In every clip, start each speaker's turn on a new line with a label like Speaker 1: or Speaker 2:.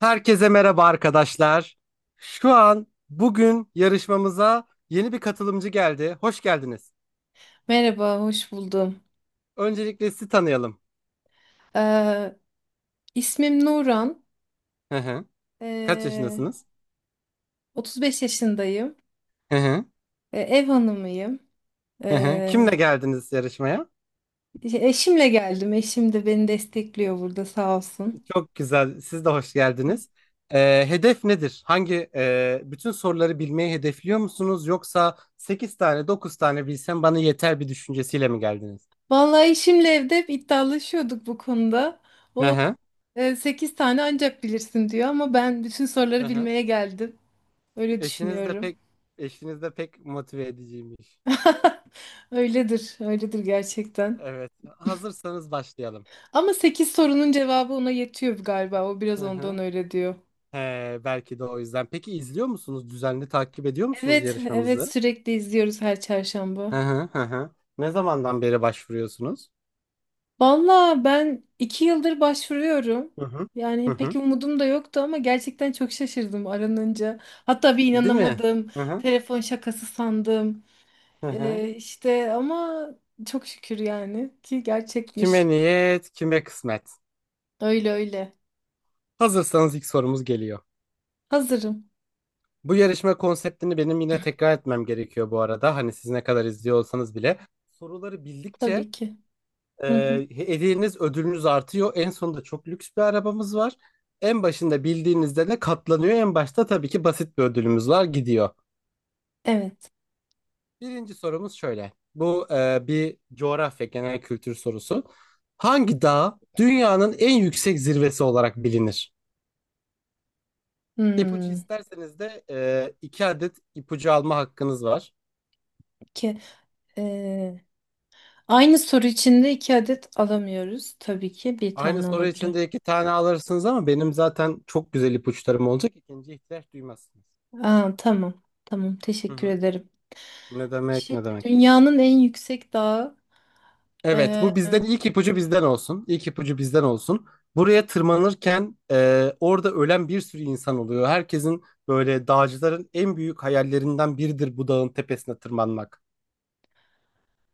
Speaker 1: Herkese merhaba arkadaşlar. Şu an bugün yarışmamıza yeni bir katılımcı geldi. Hoş geldiniz.
Speaker 2: Merhaba, hoş buldum.
Speaker 1: Öncelikle sizi tanıyalım.
Speaker 2: Ee, ismim Nuran.
Speaker 1: Hı hı. Kaç
Speaker 2: Ee,
Speaker 1: yaşındasınız?
Speaker 2: 35 yaşındayım.
Speaker 1: Hı hı.
Speaker 2: Ev hanımıyım.
Speaker 1: Hı hı.
Speaker 2: Ee,
Speaker 1: Kimle geldiniz yarışmaya?
Speaker 2: eşimle geldim. Eşim de beni destekliyor burada, sağ olsun.
Speaker 1: Çok güzel. Siz de hoş geldiniz. Hedef nedir? Bütün soruları bilmeyi hedefliyor musunuz? Yoksa 8 tane 9 tane bilsem bana yeter bir düşüncesiyle mi geldiniz?
Speaker 2: Vallahi eşimle evde hep iddialaşıyorduk bu konuda.
Speaker 1: Hı
Speaker 2: O
Speaker 1: hı.
Speaker 2: 8 tane ancak bilirsin diyor ama ben bütün
Speaker 1: Hı
Speaker 2: soruları
Speaker 1: hı.
Speaker 2: bilmeye geldim. Öyle
Speaker 1: Eşiniz de
Speaker 2: düşünüyorum.
Speaker 1: pek eşiniz de pek motive ediciymiş.
Speaker 2: Öyledir, öyledir gerçekten.
Speaker 1: Evet. Hazırsanız başlayalım.
Speaker 2: Ama 8 sorunun cevabı ona yetiyor galiba. O biraz
Speaker 1: Hı
Speaker 2: ondan
Speaker 1: hı.
Speaker 2: öyle diyor.
Speaker 1: He, belki de o yüzden. Peki izliyor musunuz? Düzenli takip ediyor musunuz
Speaker 2: Evet, evet,
Speaker 1: yarışmamızı?
Speaker 2: sürekli izliyoruz her çarşamba.
Speaker 1: Hı hı hı hı. Ne zamandan beri başvuruyorsunuz?
Speaker 2: Valla ben 2 yıldır başvuruyorum.
Speaker 1: Hı hı. Hı
Speaker 2: Yani pek
Speaker 1: hı.
Speaker 2: umudum da yoktu ama gerçekten çok şaşırdım aranınca. Hatta bir
Speaker 1: Değil mi?
Speaker 2: inanamadım.
Speaker 1: Hı hı.
Speaker 2: Telefon şakası sandım.
Speaker 1: Hı hı.
Speaker 2: İşte ama çok şükür yani ki gerçekmiş.
Speaker 1: Kime niyet, kime kısmet.
Speaker 2: Öyle öyle.
Speaker 1: Hazırsanız ilk sorumuz geliyor.
Speaker 2: Hazırım,
Speaker 1: Bu yarışma konseptini benim yine tekrar etmem gerekiyor bu arada. Hani siz ne kadar izliyor olsanız bile. Soruları bildikçe
Speaker 2: tabii ki. Hı hı.
Speaker 1: Hediyeniz ödülünüz artıyor. En sonunda çok lüks bir arabamız var. En başında bildiğinizde de katlanıyor. En başta tabii ki basit bir ödülümüz var gidiyor.
Speaker 2: Evet.
Speaker 1: Birinci sorumuz şöyle. Bu bir coğrafya genel kültür sorusu. Hangi dağ dünyanın en yüksek zirvesi olarak bilinir? İpucu
Speaker 2: Hmm.
Speaker 1: isterseniz de iki adet ipucu alma hakkınız var.
Speaker 2: Ki, ee, aynı soru içinde iki adet alamıyoruz. Tabii ki bir
Speaker 1: Aynı
Speaker 2: tane
Speaker 1: soru için
Speaker 2: olabilir.
Speaker 1: de iki tane alırsınız ama benim zaten çok güzel ipuçlarım olacak. İkinci ihtiyaç duymazsınız.
Speaker 2: Aa, tamam. Tamam.
Speaker 1: Hı
Speaker 2: Teşekkür
Speaker 1: hı.
Speaker 2: ederim.
Speaker 1: Ne demek
Speaker 2: Şimdi
Speaker 1: ne demek.
Speaker 2: dünyanın en yüksek dağı.
Speaker 1: Evet,
Speaker 2: e,
Speaker 1: bu bizden ilk ipucu bizden olsun. İlk ipucu bizden olsun. Buraya tırmanırken orada ölen bir sürü insan oluyor. Herkesin böyle dağcıların en büyük hayallerinden biridir bu dağın tepesine tırmanmak.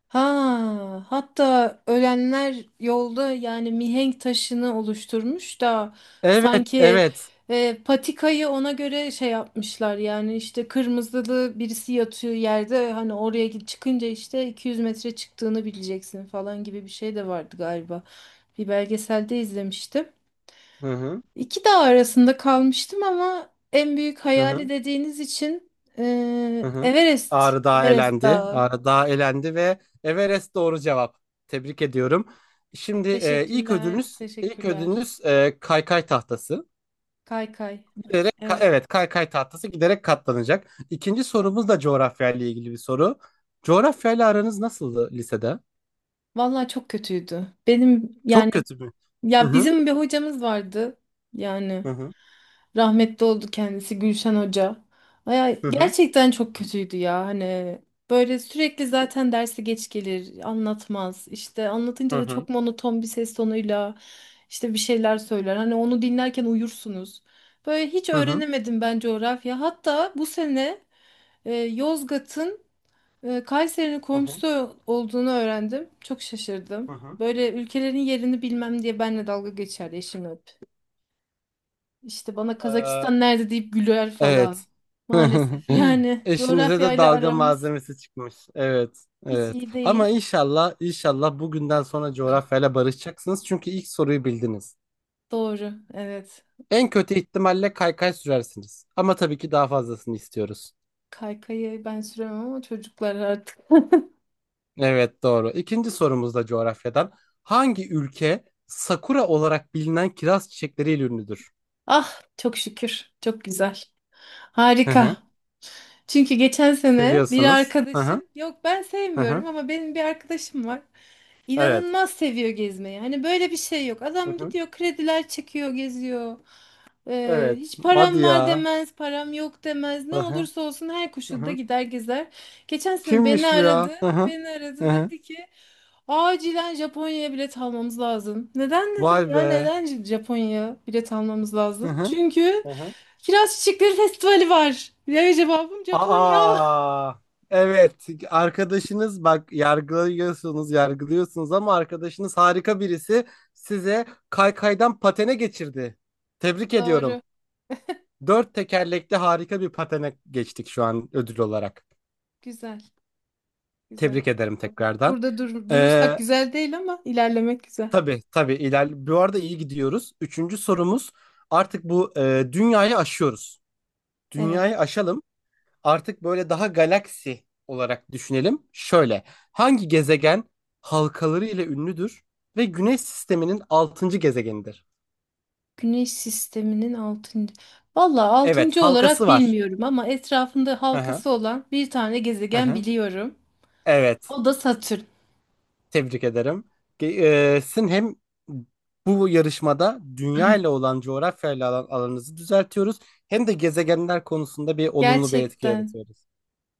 Speaker 2: ha, hatta ölenler yolda yani mihenk taşını oluşturmuş da
Speaker 1: Evet,
Speaker 2: sanki
Speaker 1: evet.
Speaker 2: patikayı ona göre şey yapmışlar, yani işte kırmızılı birisi yatıyor yerde, hani oraya git, çıkınca işte 200 metre çıktığını bileceksin falan gibi bir şey de vardı galiba. Bir belgeselde izlemiştim.
Speaker 1: Hı hı,
Speaker 2: İki dağ arasında kalmıştım ama en büyük
Speaker 1: hı
Speaker 2: hayali
Speaker 1: hı,
Speaker 2: dediğiniz için,
Speaker 1: hı hı.
Speaker 2: Everest.
Speaker 1: Ağrı Dağı
Speaker 2: Everest
Speaker 1: elendi.
Speaker 2: Dağı.
Speaker 1: Ağrı Dağı elendi ve Everest doğru cevap. Tebrik ediyorum. Şimdi ilk
Speaker 2: Teşekkürler,
Speaker 1: ödülünüz, ilk
Speaker 2: teşekkürler.
Speaker 1: ödülünüz kaykay tahtası.
Speaker 2: Kaykay.
Speaker 1: Giderek,
Speaker 2: Evet.
Speaker 1: evet kaykay tahtası giderek katlanacak. İkinci sorumuz da coğrafyayla ilgili bir soru. Coğrafyayla aranız nasıldı lisede?
Speaker 2: Vallahi çok kötüydü. Benim
Speaker 1: Çok
Speaker 2: yani,
Speaker 1: kötü mü? Hı
Speaker 2: ya
Speaker 1: hı
Speaker 2: bizim bir hocamız vardı. Yani
Speaker 1: hı hı
Speaker 2: rahmetli oldu kendisi, Gülşen Hoca. Aya,
Speaker 1: hı
Speaker 2: gerçekten çok kötüydü ya, hani böyle sürekli zaten dersi geç gelir, anlatmaz, işte anlatınca
Speaker 1: hı
Speaker 2: da
Speaker 1: hı
Speaker 2: çok monoton bir ses tonuyla işte bir şeyler söyler, hani onu dinlerken uyursunuz. Böyle hiç
Speaker 1: hı hı hı
Speaker 2: öğrenemedim ben coğrafya, hatta bu sene Yozgat'ın, Kayseri'nin
Speaker 1: hı hı.
Speaker 2: komşusu olduğunu öğrendim, çok şaşırdım.
Speaker 1: Hı hı.
Speaker 2: Böyle ülkelerin yerini bilmem diye benle dalga geçerdi eşim hep. İşte bana
Speaker 1: Ee,
Speaker 2: Kazakistan nerede deyip güler falan.
Speaker 1: evet.
Speaker 2: Maalesef yani
Speaker 1: Eşinize de
Speaker 2: coğrafyayla
Speaker 1: dalga
Speaker 2: aramız
Speaker 1: malzemesi çıkmış. Evet,
Speaker 2: hiç
Speaker 1: evet.
Speaker 2: iyi
Speaker 1: Ama
Speaker 2: değil.
Speaker 1: inşallah, inşallah bugünden sonra coğrafyayla barışacaksınız. Çünkü ilk soruyu bildiniz.
Speaker 2: Doğru, evet.
Speaker 1: En kötü ihtimalle kaykay sürersiniz. Ama tabii ki daha fazlasını istiyoruz.
Speaker 2: Kaykayı ben süremem ama çocuklar artık.
Speaker 1: Evet doğru. İkinci sorumuz da coğrafyadan. Hangi ülke sakura olarak bilinen kiraz çiçekleriyle ünlüdür?
Speaker 2: Ah çok şükür, çok güzel.
Speaker 1: Hı hı.
Speaker 2: Harika. Çünkü geçen sene bir
Speaker 1: Seviyorsunuz. Hı hı.
Speaker 2: arkadaşım, yok ben
Speaker 1: Hı hı.
Speaker 2: sevmiyorum ama benim bir arkadaşım var.
Speaker 1: Evet.
Speaker 2: İnanılmaz seviyor gezmeyi. Hani böyle bir şey yok.
Speaker 1: Hı
Speaker 2: Adam
Speaker 1: hı.
Speaker 2: gidiyor, krediler çekiyor, geziyor. Ee,
Speaker 1: Evet.
Speaker 2: hiç
Speaker 1: Hadi
Speaker 2: param var
Speaker 1: ya.
Speaker 2: demez, param yok demez. Ne
Speaker 1: Hı hı.
Speaker 2: olursa olsun her
Speaker 1: Hı
Speaker 2: koşulda
Speaker 1: hı.
Speaker 2: gider gezer. Geçen sene beni
Speaker 1: Kimmiş bu
Speaker 2: aradı.
Speaker 1: ya? Hı hı.
Speaker 2: Beni aradı,
Speaker 1: Hı hı.
Speaker 2: dedi ki acilen Japonya'ya bilet almamız lazım. Neden
Speaker 1: Vay
Speaker 2: dedim, ya
Speaker 1: be.
Speaker 2: neden Japonya'ya bilet almamız
Speaker 1: Hı
Speaker 2: lazım?
Speaker 1: hı.
Speaker 2: Çünkü
Speaker 1: Hı hı.
Speaker 2: Kiraz Çiçekleri Festivali var. Ya, cevabım Japonya.
Speaker 1: Aa. Evet. Arkadaşınız bak yargılıyorsunuz, yargılıyorsunuz ama arkadaşınız harika birisi size kaykaydan patene geçirdi. Tebrik
Speaker 2: Doğru.
Speaker 1: ediyorum. Dört tekerlekli harika bir patene geçtik şu an ödül olarak.
Speaker 2: Güzel. Güzel.
Speaker 1: Tebrik ederim
Speaker 2: Tabii.
Speaker 1: tekrardan.
Speaker 2: Burada dur durursak
Speaker 1: Ee,
Speaker 2: güzel değil ama ilerlemek güzel.
Speaker 1: tabii tabii iler. Bu arada iyi gidiyoruz. Üçüncü sorumuz artık bu dünyayı aşıyoruz.
Speaker 2: Evet.
Speaker 1: Dünyayı aşalım. Artık böyle daha galaksi olarak düşünelim. Şöyle hangi gezegen halkaları ile ünlüdür ve Güneş sisteminin altıncı gezegenidir?
Speaker 2: Güneş sisteminin altıncı. Valla
Speaker 1: Evet
Speaker 2: altıncı
Speaker 1: halkası
Speaker 2: olarak
Speaker 1: var.
Speaker 2: bilmiyorum ama etrafında
Speaker 1: Hı hı,
Speaker 2: halkası olan bir tane
Speaker 1: hı
Speaker 2: gezegen
Speaker 1: hı.
Speaker 2: biliyorum.
Speaker 1: Evet.
Speaker 2: O da Satürn.
Speaker 1: Tebrik ederim. Ge- Sizin hem bu yarışmada dünya ile olan coğrafyayla alanınızı düzeltiyoruz hem de gezegenler konusunda bir olumlu bir etki
Speaker 2: Gerçekten.
Speaker 1: yaratıyoruz.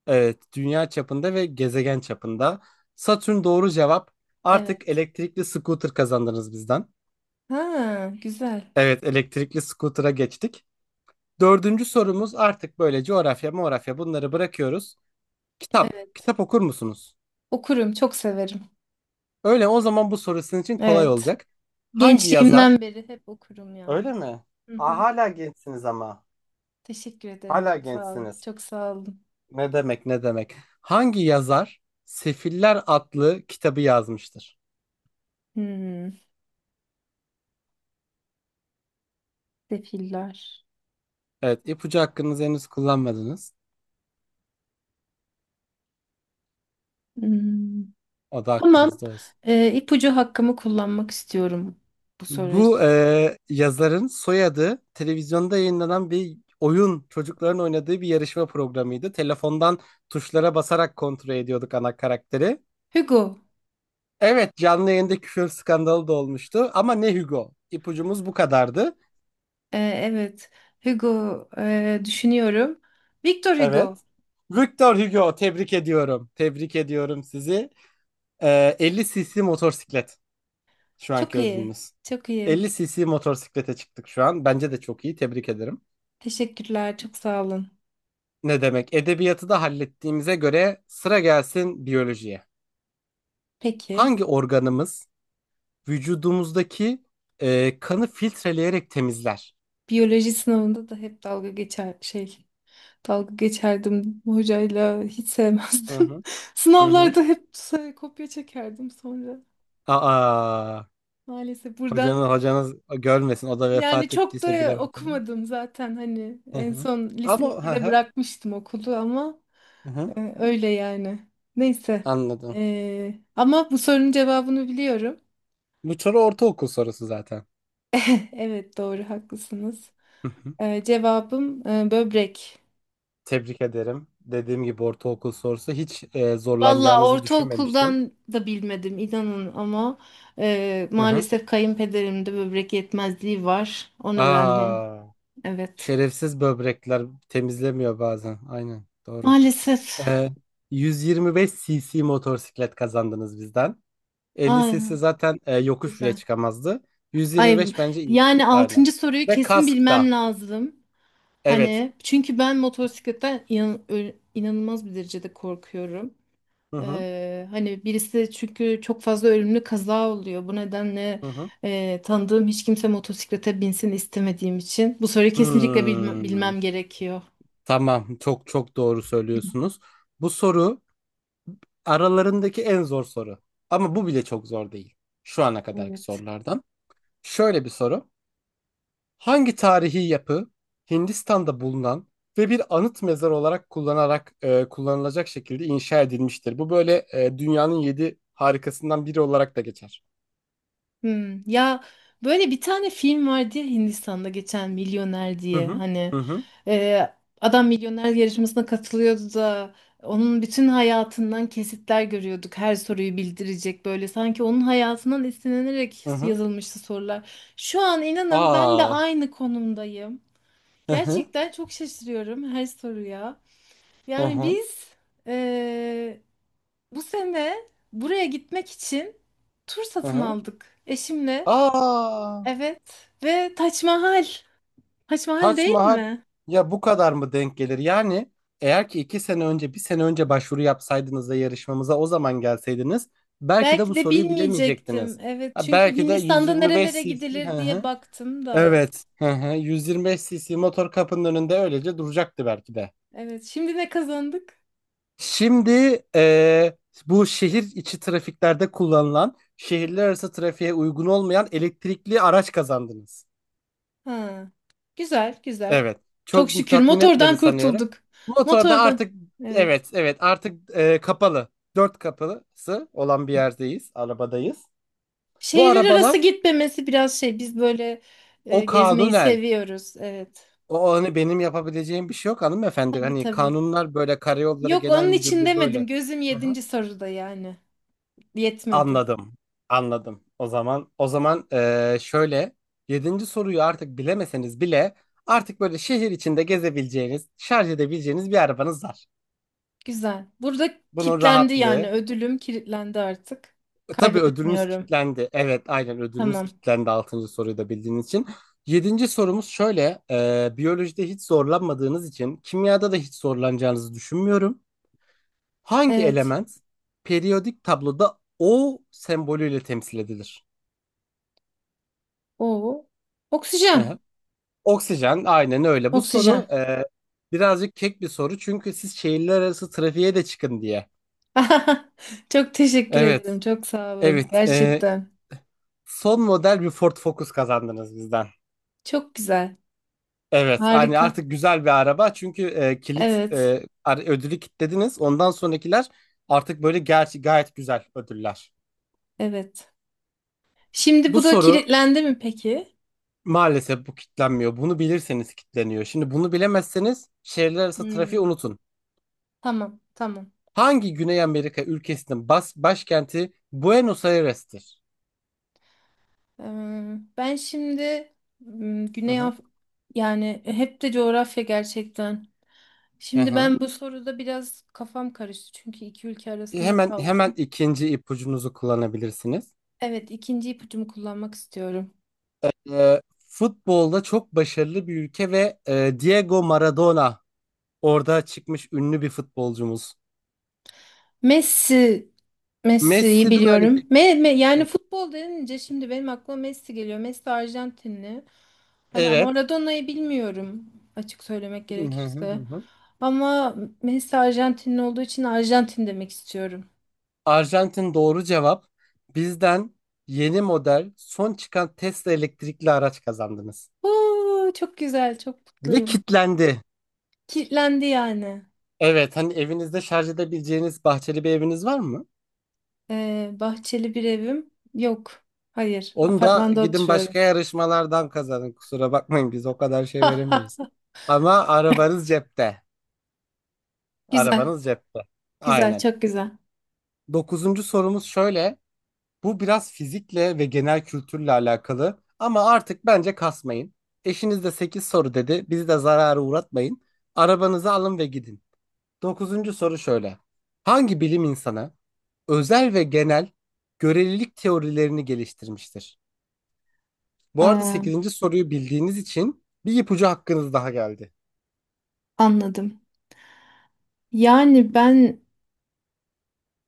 Speaker 1: Evet, dünya çapında ve gezegen çapında. Satürn doğru cevap. Artık
Speaker 2: Evet.
Speaker 1: elektrikli scooter kazandınız bizden.
Speaker 2: Ha, güzel.
Speaker 1: Evet, elektrikli scooter'a geçtik. Dördüncü sorumuz artık böyle coğrafya, morafya bunları bırakıyoruz. Kitap.
Speaker 2: Evet.
Speaker 1: Kitap okur musunuz?
Speaker 2: Okurum. Çok severim.
Speaker 1: Öyle o zaman bu soru sizin için kolay
Speaker 2: Evet.
Speaker 1: olacak. Hangi yazar
Speaker 2: Gençliğimden beri hep okurum yani.
Speaker 1: Öyle mi?
Speaker 2: Hı
Speaker 1: Ha,
Speaker 2: hı.
Speaker 1: hala gençsiniz ama.
Speaker 2: Teşekkür ederim.
Speaker 1: Hala
Speaker 2: Çok sağ olun.
Speaker 1: gençsiniz.
Speaker 2: Çok sağ olun.
Speaker 1: Ne demek ne demek. Hangi yazar Sefiller adlı kitabı yazmıştır?
Speaker 2: Hmm, sefiller.
Speaker 1: Evet, ipucu hakkınızı henüz kullanmadınız.
Speaker 2: Hmm.
Speaker 1: O da
Speaker 2: Tamam.
Speaker 1: hakkınızda olsun.
Speaker 2: İpucu hakkımı kullanmak istiyorum bu soru
Speaker 1: Bu
Speaker 2: için.
Speaker 1: yazarın soyadı televizyonda yayınlanan bir oyun çocukların oynadığı bir yarışma programıydı. Telefondan tuşlara basarak kontrol ediyorduk ana karakteri.
Speaker 2: Hugo.
Speaker 1: Evet, canlı yayında küfür skandalı da olmuştu ama ne Hugo. İpucumuz bu kadardı.
Speaker 2: Ee, evet. Hugo düşünüyorum. Victor Hugo.
Speaker 1: Evet. Victor Hugo, tebrik ediyorum. Tebrik ediyorum sizi. 50 cc motosiklet şu
Speaker 2: Çok
Speaker 1: anki
Speaker 2: iyi.
Speaker 1: ödülünüz.
Speaker 2: Çok iyi.
Speaker 1: 50 cc motosiklete çıktık şu an. Bence de çok iyi. Tebrik ederim.
Speaker 2: Teşekkürler. Çok sağ olun.
Speaker 1: Ne demek? Edebiyatı da hallettiğimize göre sıra gelsin biyolojiye.
Speaker 2: Peki.
Speaker 1: Hangi organımız vücudumuzdaki kanı filtreleyerek temizler?
Speaker 2: Biyoloji sınavında da hep dalga geçer şey. Dalga geçerdim hocayla. Hiç
Speaker 1: Hı
Speaker 2: sevmezdim.
Speaker 1: hı. Hı hı.
Speaker 2: Sınavlarda hep kopya çekerdim sonra.
Speaker 1: Aa,
Speaker 2: Maalesef buradan.
Speaker 1: hocanız görmesin. O da
Speaker 2: Yani
Speaker 1: vefat
Speaker 2: çok
Speaker 1: ettiyse
Speaker 2: da
Speaker 1: bilemem tabii.
Speaker 2: okumadım zaten, hani
Speaker 1: Hı
Speaker 2: en
Speaker 1: hı.
Speaker 2: son
Speaker 1: Ama
Speaker 2: lise
Speaker 1: hı
Speaker 2: ikide
Speaker 1: hı.
Speaker 2: bırakmıştım okulu ama
Speaker 1: Hı hı.
Speaker 2: Öyle yani. Neyse.
Speaker 1: Anladım.
Speaker 2: Ama bu sorunun cevabını biliyorum.
Speaker 1: Bu soru ortaokul sorusu zaten.
Speaker 2: Evet, doğru, haklısınız.
Speaker 1: Hı hı.
Speaker 2: Cevabım böbrek.
Speaker 1: Tebrik ederim. Dediğim gibi ortaokul sorusu hiç
Speaker 2: Valla
Speaker 1: zorlanacağınızı düşünmemiştim.
Speaker 2: ortaokuldan da bilmedim inanın ama
Speaker 1: Hı hı.
Speaker 2: maalesef kayınpederimde böbrek yetmezliği var. O nedenle
Speaker 1: Aa,
Speaker 2: evet.
Speaker 1: şerefsiz böbrekler temizlemiyor bazen. Aynen doğru.
Speaker 2: Maalesef.
Speaker 1: Ee, 125 cc motosiklet kazandınız bizden. 50
Speaker 2: Ay,
Speaker 1: cc zaten yokuş bile
Speaker 2: güzel.
Speaker 1: çıkamazdı.
Speaker 2: Ay,
Speaker 1: 125 bence iyi.
Speaker 2: yani
Speaker 1: Aynen.
Speaker 2: altıncı soruyu
Speaker 1: Ve
Speaker 2: kesin
Speaker 1: kask
Speaker 2: bilmem
Speaker 1: da.
Speaker 2: lazım.
Speaker 1: Evet.
Speaker 2: Hani çünkü ben motosikletten inanılmaz bir derecede korkuyorum.
Speaker 1: Hı hı.
Speaker 2: Hani birisi çünkü çok fazla ölümlü kaza oluyor. Bu nedenle
Speaker 1: Hı hı.
Speaker 2: tanıdığım hiç kimse motosiklete binsin istemediğim için. Bu soruyu kesinlikle
Speaker 1: Hmm.
Speaker 2: bilmem gerekiyor.
Speaker 1: Tamam, çok çok doğru söylüyorsunuz. Bu soru aralarındaki en zor soru. Ama bu bile çok zor değil. Şu ana kadarki
Speaker 2: Evet.
Speaker 1: sorulardan. Şöyle bir soru. Hangi tarihi yapı Hindistan'da bulunan ve bir anıt mezar olarak kullanılacak şekilde inşa edilmiştir? Bu böyle dünyanın yedi harikasından biri olarak da geçer.
Speaker 2: Ya böyle bir tane film vardı, ya Hindistan'da geçen Milyoner
Speaker 1: Hı
Speaker 2: diye,
Speaker 1: hı.
Speaker 2: hani
Speaker 1: Hı hı.
Speaker 2: e, adam milyoner yarışmasına katılıyordu da onun bütün hayatından kesitler görüyorduk, her soruyu bildirecek, böyle sanki onun hayatından esinlenerek
Speaker 1: Hı hı.
Speaker 2: yazılmıştı sorular. Şu an inanın ben de
Speaker 1: Aa.
Speaker 2: aynı konumdayım.
Speaker 1: Hı hı.
Speaker 2: Gerçekten çok şaşırıyorum her soruya.
Speaker 1: Hı
Speaker 2: Yani
Speaker 1: hı.
Speaker 2: biz e, bu sene buraya gitmek için tur
Speaker 1: Hı
Speaker 2: satın
Speaker 1: hı.
Speaker 2: aldık eşimle.
Speaker 1: Aa.
Speaker 2: Evet, ve Taç Mahal. Taç Mahal
Speaker 1: Taç
Speaker 2: değil
Speaker 1: Mahal,
Speaker 2: mi?
Speaker 1: ya bu kadar mı denk gelir? Yani eğer ki iki sene önce, bir sene önce başvuru yapsaydınız da yarışmamıza o zaman gelseydiniz belki de
Speaker 2: Belki
Speaker 1: bu
Speaker 2: de
Speaker 1: soruyu
Speaker 2: bilmeyecektim.
Speaker 1: bilemeyecektiniz.
Speaker 2: Evet,
Speaker 1: Ha,
Speaker 2: çünkü
Speaker 1: belki de
Speaker 2: Hindistan'da
Speaker 1: 125
Speaker 2: nerelere
Speaker 1: cc hı
Speaker 2: gidilir diye
Speaker 1: hı.
Speaker 2: baktım da.
Speaker 1: Evet. Hı hı. 125 cc motor kapının önünde öylece duracaktı belki de.
Speaker 2: Evet, şimdi ne kazandık?
Speaker 1: Şimdi bu şehir içi trafiklerde kullanılan, şehirler arası trafiğe uygun olmayan elektrikli araç kazandınız.
Speaker 2: Ha. Güzel, güzel.
Speaker 1: Evet.
Speaker 2: Çok
Speaker 1: Çok
Speaker 2: şükür
Speaker 1: tatmin
Speaker 2: motordan
Speaker 1: etmedi sanıyorum.
Speaker 2: kurtulduk.
Speaker 1: Motorda
Speaker 2: Motordan.
Speaker 1: artık
Speaker 2: Evet.
Speaker 1: evet evet artık kapalı. Dört kapısı olan bir yerdeyiz. Arabadayız. Bu
Speaker 2: Şehirler arası
Speaker 1: arabalar
Speaker 2: gitmemesi biraz şey, biz böyle
Speaker 1: o
Speaker 2: gezmeyi
Speaker 1: kanunen.
Speaker 2: seviyoruz. Evet.
Speaker 1: O hani benim yapabileceğim bir şey yok hanımefendi.
Speaker 2: Tabii,
Speaker 1: Hani
Speaker 2: tabii.
Speaker 1: kanunlar böyle Karayolları
Speaker 2: Yok,
Speaker 1: Genel
Speaker 2: onun için
Speaker 1: Müdürlüğü
Speaker 2: demedim.
Speaker 1: böyle.
Speaker 2: Gözüm
Speaker 1: Hı hı.
Speaker 2: yedinci soruda yani. Yetmedi.
Speaker 1: Anladım. Anladım. O zaman şöyle yedinci soruyu artık bilemeseniz bile artık böyle şehir içinde gezebileceğiniz, şarj edebileceğiniz bir arabanız var.
Speaker 2: Güzel. Burada
Speaker 1: Bunun
Speaker 2: kilitlendi yani,
Speaker 1: rahatlığı
Speaker 2: ödülüm kilitlendi artık.
Speaker 1: Tabii ödülünüz
Speaker 2: Kaybetmiyorum.
Speaker 1: kilitlendi. Evet, aynen ödülünüz
Speaker 2: Tamam.
Speaker 1: kilitlendi. Altıncı soruyu da bildiğiniz için. Yedinci sorumuz şöyle. Biyolojide hiç zorlanmadığınız için kimyada da hiç zorlanacağınızı düşünmüyorum. Hangi
Speaker 2: Evet.
Speaker 1: element periyodik tabloda O sembolüyle temsil edilir?
Speaker 2: O,
Speaker 1: Hı
Speaker 2: oksijen.
Speaker 1: hı. Oksijen, aynen öyle. Bu soru
Speaker 2: Oksijen.
Speaker 1: birazcık kek bir soru. Çünkü siz şehirler arası trafiğe de çıkın diye.
Speaker 2: Çok teşekkür
Speaker 1: Evet,
Speaker 2: ederim. Çok sağ olun.
Speaker 1: evet.
Speaker 2: Gerçekten.
Speaker 1: Son model bir Ford Focus kazandınız bizden.
Speaker 2: Çok güzel.
Speaker 1: Evet, hani
Speaker 2: Harika.
Speaker 1: artık güzel bir araba çünkü
Speaker 2: Evet.
Speaker 1: ödülü kilitlediniz. Ondan sonrakiler artık böyle gerçi gayet güzel ödüller.
Speaker 2: Evet. Şimdi
Speaker 1: Bu
Speaker 2: bu da
Speaker 1: soru
Speaker 2: kilitlendi mi peki?
Speaker 1: maalesef bu kilitlenmiyor. Bunu bilirseniz kilitleniyor. Şimdi bunu bilemezseniz şehirler arası trafiği
Speaker 2: Hmm.
Speaker 1: unutun.
Speaker 2: Tamam. Tamam.
Speaker 1: Hangi Güney Amerika ülkesinin başkenti Buenos Aires'tir?
Speaker 2: Eee, Ben şimdi m,
Speaker 1: Hı
Speaker 2: Güney
Speaker 1: hı.
Speaker 2: Af yani hep de coğrafya, gerçekten.
Speaker 1: Hı
Speaker 2: Şimdi
Speaker 1: hı.
Speaker 2: ben bu soruda biraz kafam karıştı çünkü iki ülke arasında
Speaker 1: Hemen hemen
Speaker 2: kaldım.
Speaker 1: ikinci ipucunuzu kullanabilirsiniz.
Speaker 2: Evet, ikinci ipucumu kullanmak istiyorum.
Speaker 1: Futbolda çok başarılı bir ülke ve Diego Maradona, orada çıkmış ünlü bir futbolcumuz.
Speaker 2: Messi, Messi'yi
Speaker 1: Messi de aynı
Speaker 2: biliyorum.
Speaker 1: şekilde.
Speaker 2: Yani futbol denince şimdi benim aklıma Messi geliyor. Messi Arjantinli. Hani ama
Speaker 1: Evet.
Speaker 2: Maradona'yı bilmiyorum, açık söylemek gerekirse. Ama Messi Arjantinli olduğu için Arjantin demek istiyorum.
Speaker 1: Arjantin doğru cevap. Bizden yeni model son çıkan Tesla elektrikli araç kazandınız.
Speaker 2: Oo, çok güzel, çok
Speaker 1: Ve
Speaker 2: mutluyum.
Speaker 1: kitlendi.
Speaker 2: Kilitlendi yani.
Speaker 1: Evet, hani evinizde şarj edebileceğiniz bahçeli bir eviniz var mı?
Speaker 2: Bahçeli bir evim yok. Hayır,
Speaker 1: Onu da
Speaker 2: apartmanda
Speaker 1: gidin başka
Speaker 2: oturuyoruz.
Speaker 1: yarışmalardan kazanın. Kusura bakmayın biz o kadar şey veremeyiz. Ama arabanız cepte.
Speaker 2: Güzel,
Speaker 1: Arabanız cepte.
Speaker 2: güzel,
Speaker 1: Aynen.
Speaker 2: çok güzel.
Speaker 1: Dokuzuncu sorumuz şöyle. Bu biraz fizikle ve genel kültürle alakalı ama artık bence kasmayın. Eşiniz de 8 soru dedi. Bizi de zarara uğratmayın. Arabanızı alın ve gidin. Dokuzuncu soru şöyle. Hangi bilim insanı özel ve genel görelilik teorilerini geliştirmiştir? Bu arada
Speaker 2: Aa,
Speaker 1: sekizinci soruyu bildiğiniz için bir ipucu hakkınız daha geldi.
Speaker 2: anladım. Yani ben,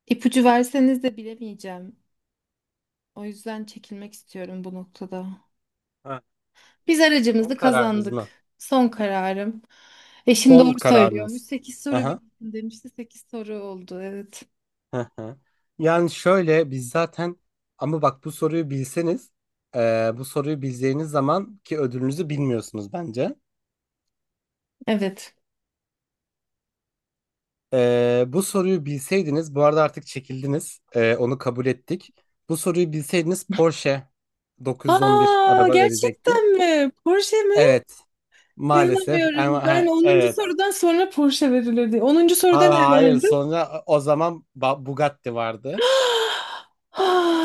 Speaker 2: ipucu verseniz de bilemeyeceğim. O yüzden çekilmek istiyorum bu noktada.
Speaker 1: Ha,
Speaker 2: Biz
Speaker 1: son
Speaker 2: aracımızı
Speaker 1: kararınız
Speaker 2: kazandık.
Speaker 1: mı?
Speaker 2: Son kararım. Eşim
Speaker 1: Son
Speaker 2: doğru söylüyormuş.
Speaker 1: kararınız.
Speaker 2: 8 soru
Speaker 1: Aha.
Speaker 2: bildim, demişti. 8 soru oldu. Evet.
Speaker 1: Hı hı. Yani şöyle biz zaten ama bak bu soruyu bilseniz bu soruyu bildiğiniz zaman ki ödülünüzü bilmiyorsunuz bence.
Speaker 2: Evet.
Speaker 1: Bu soruyu bilseydiniz bu arada artık çekildiniz onu kabul ettik. Bu soruyu bilseydiniz Porsche 911
Speaker 2: Aa,
Speaker 1: araba
Speaker 2: gerçekten
Speaker 1: verecektik.
Speaker 2: mi? Porsche.
Speaker 1: Evet, maalesef
Speaker 2: İnanamıyorum.
Speaker 1: ama
Speaker 2: Ben
Speaker 1: ha,
Speaker 2: onuncu
Speaker 1: evet.
Speaker 2: sorudan sonra Porsche verilirdi. Onuncu soruda ne
Speaker 1: Ha, hayır
Speaker 2: vardı?
Speaker 1: sonra o zaman Bugatti vardı.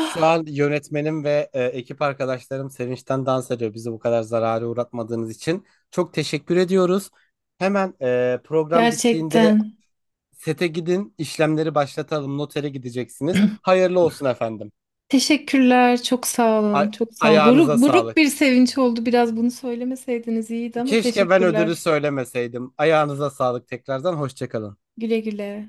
Speaker 1: Şu an yönetmenim ve ekip arkadaşlarım sevinçten dans ediyor bizi bu kadar zarara uğratmadığınız için. Çok teşekkür ediyoruz. Hemen program bittiğinde
Speaker 2: gerçekten.
Speaker 1: sete gidin, işlemleri başlatalım. Notere gideceksiniz. Hayırlı olsun efendim.
Speaker 2: Teşekkürler. Çok sağ
Speaker 1: A-
Speaker 2: olun. Çok sağ olun. Buruk,
Speaker 1: Ayağınıza
Speaker 2: buruk
Speaker 1: sağlık.
Speaker 2: bir sevinç oldu. Biraz bunu söylemeseydiniz iyiydi ama
Speaker 1: Keşke ben ödülü
Speaker 2: teşekkürler.
Speaker 1: söylemeseydim. Ayağınıza sağlık tekrardan. Hoşça kalın.
Speaker 2: Güle güle.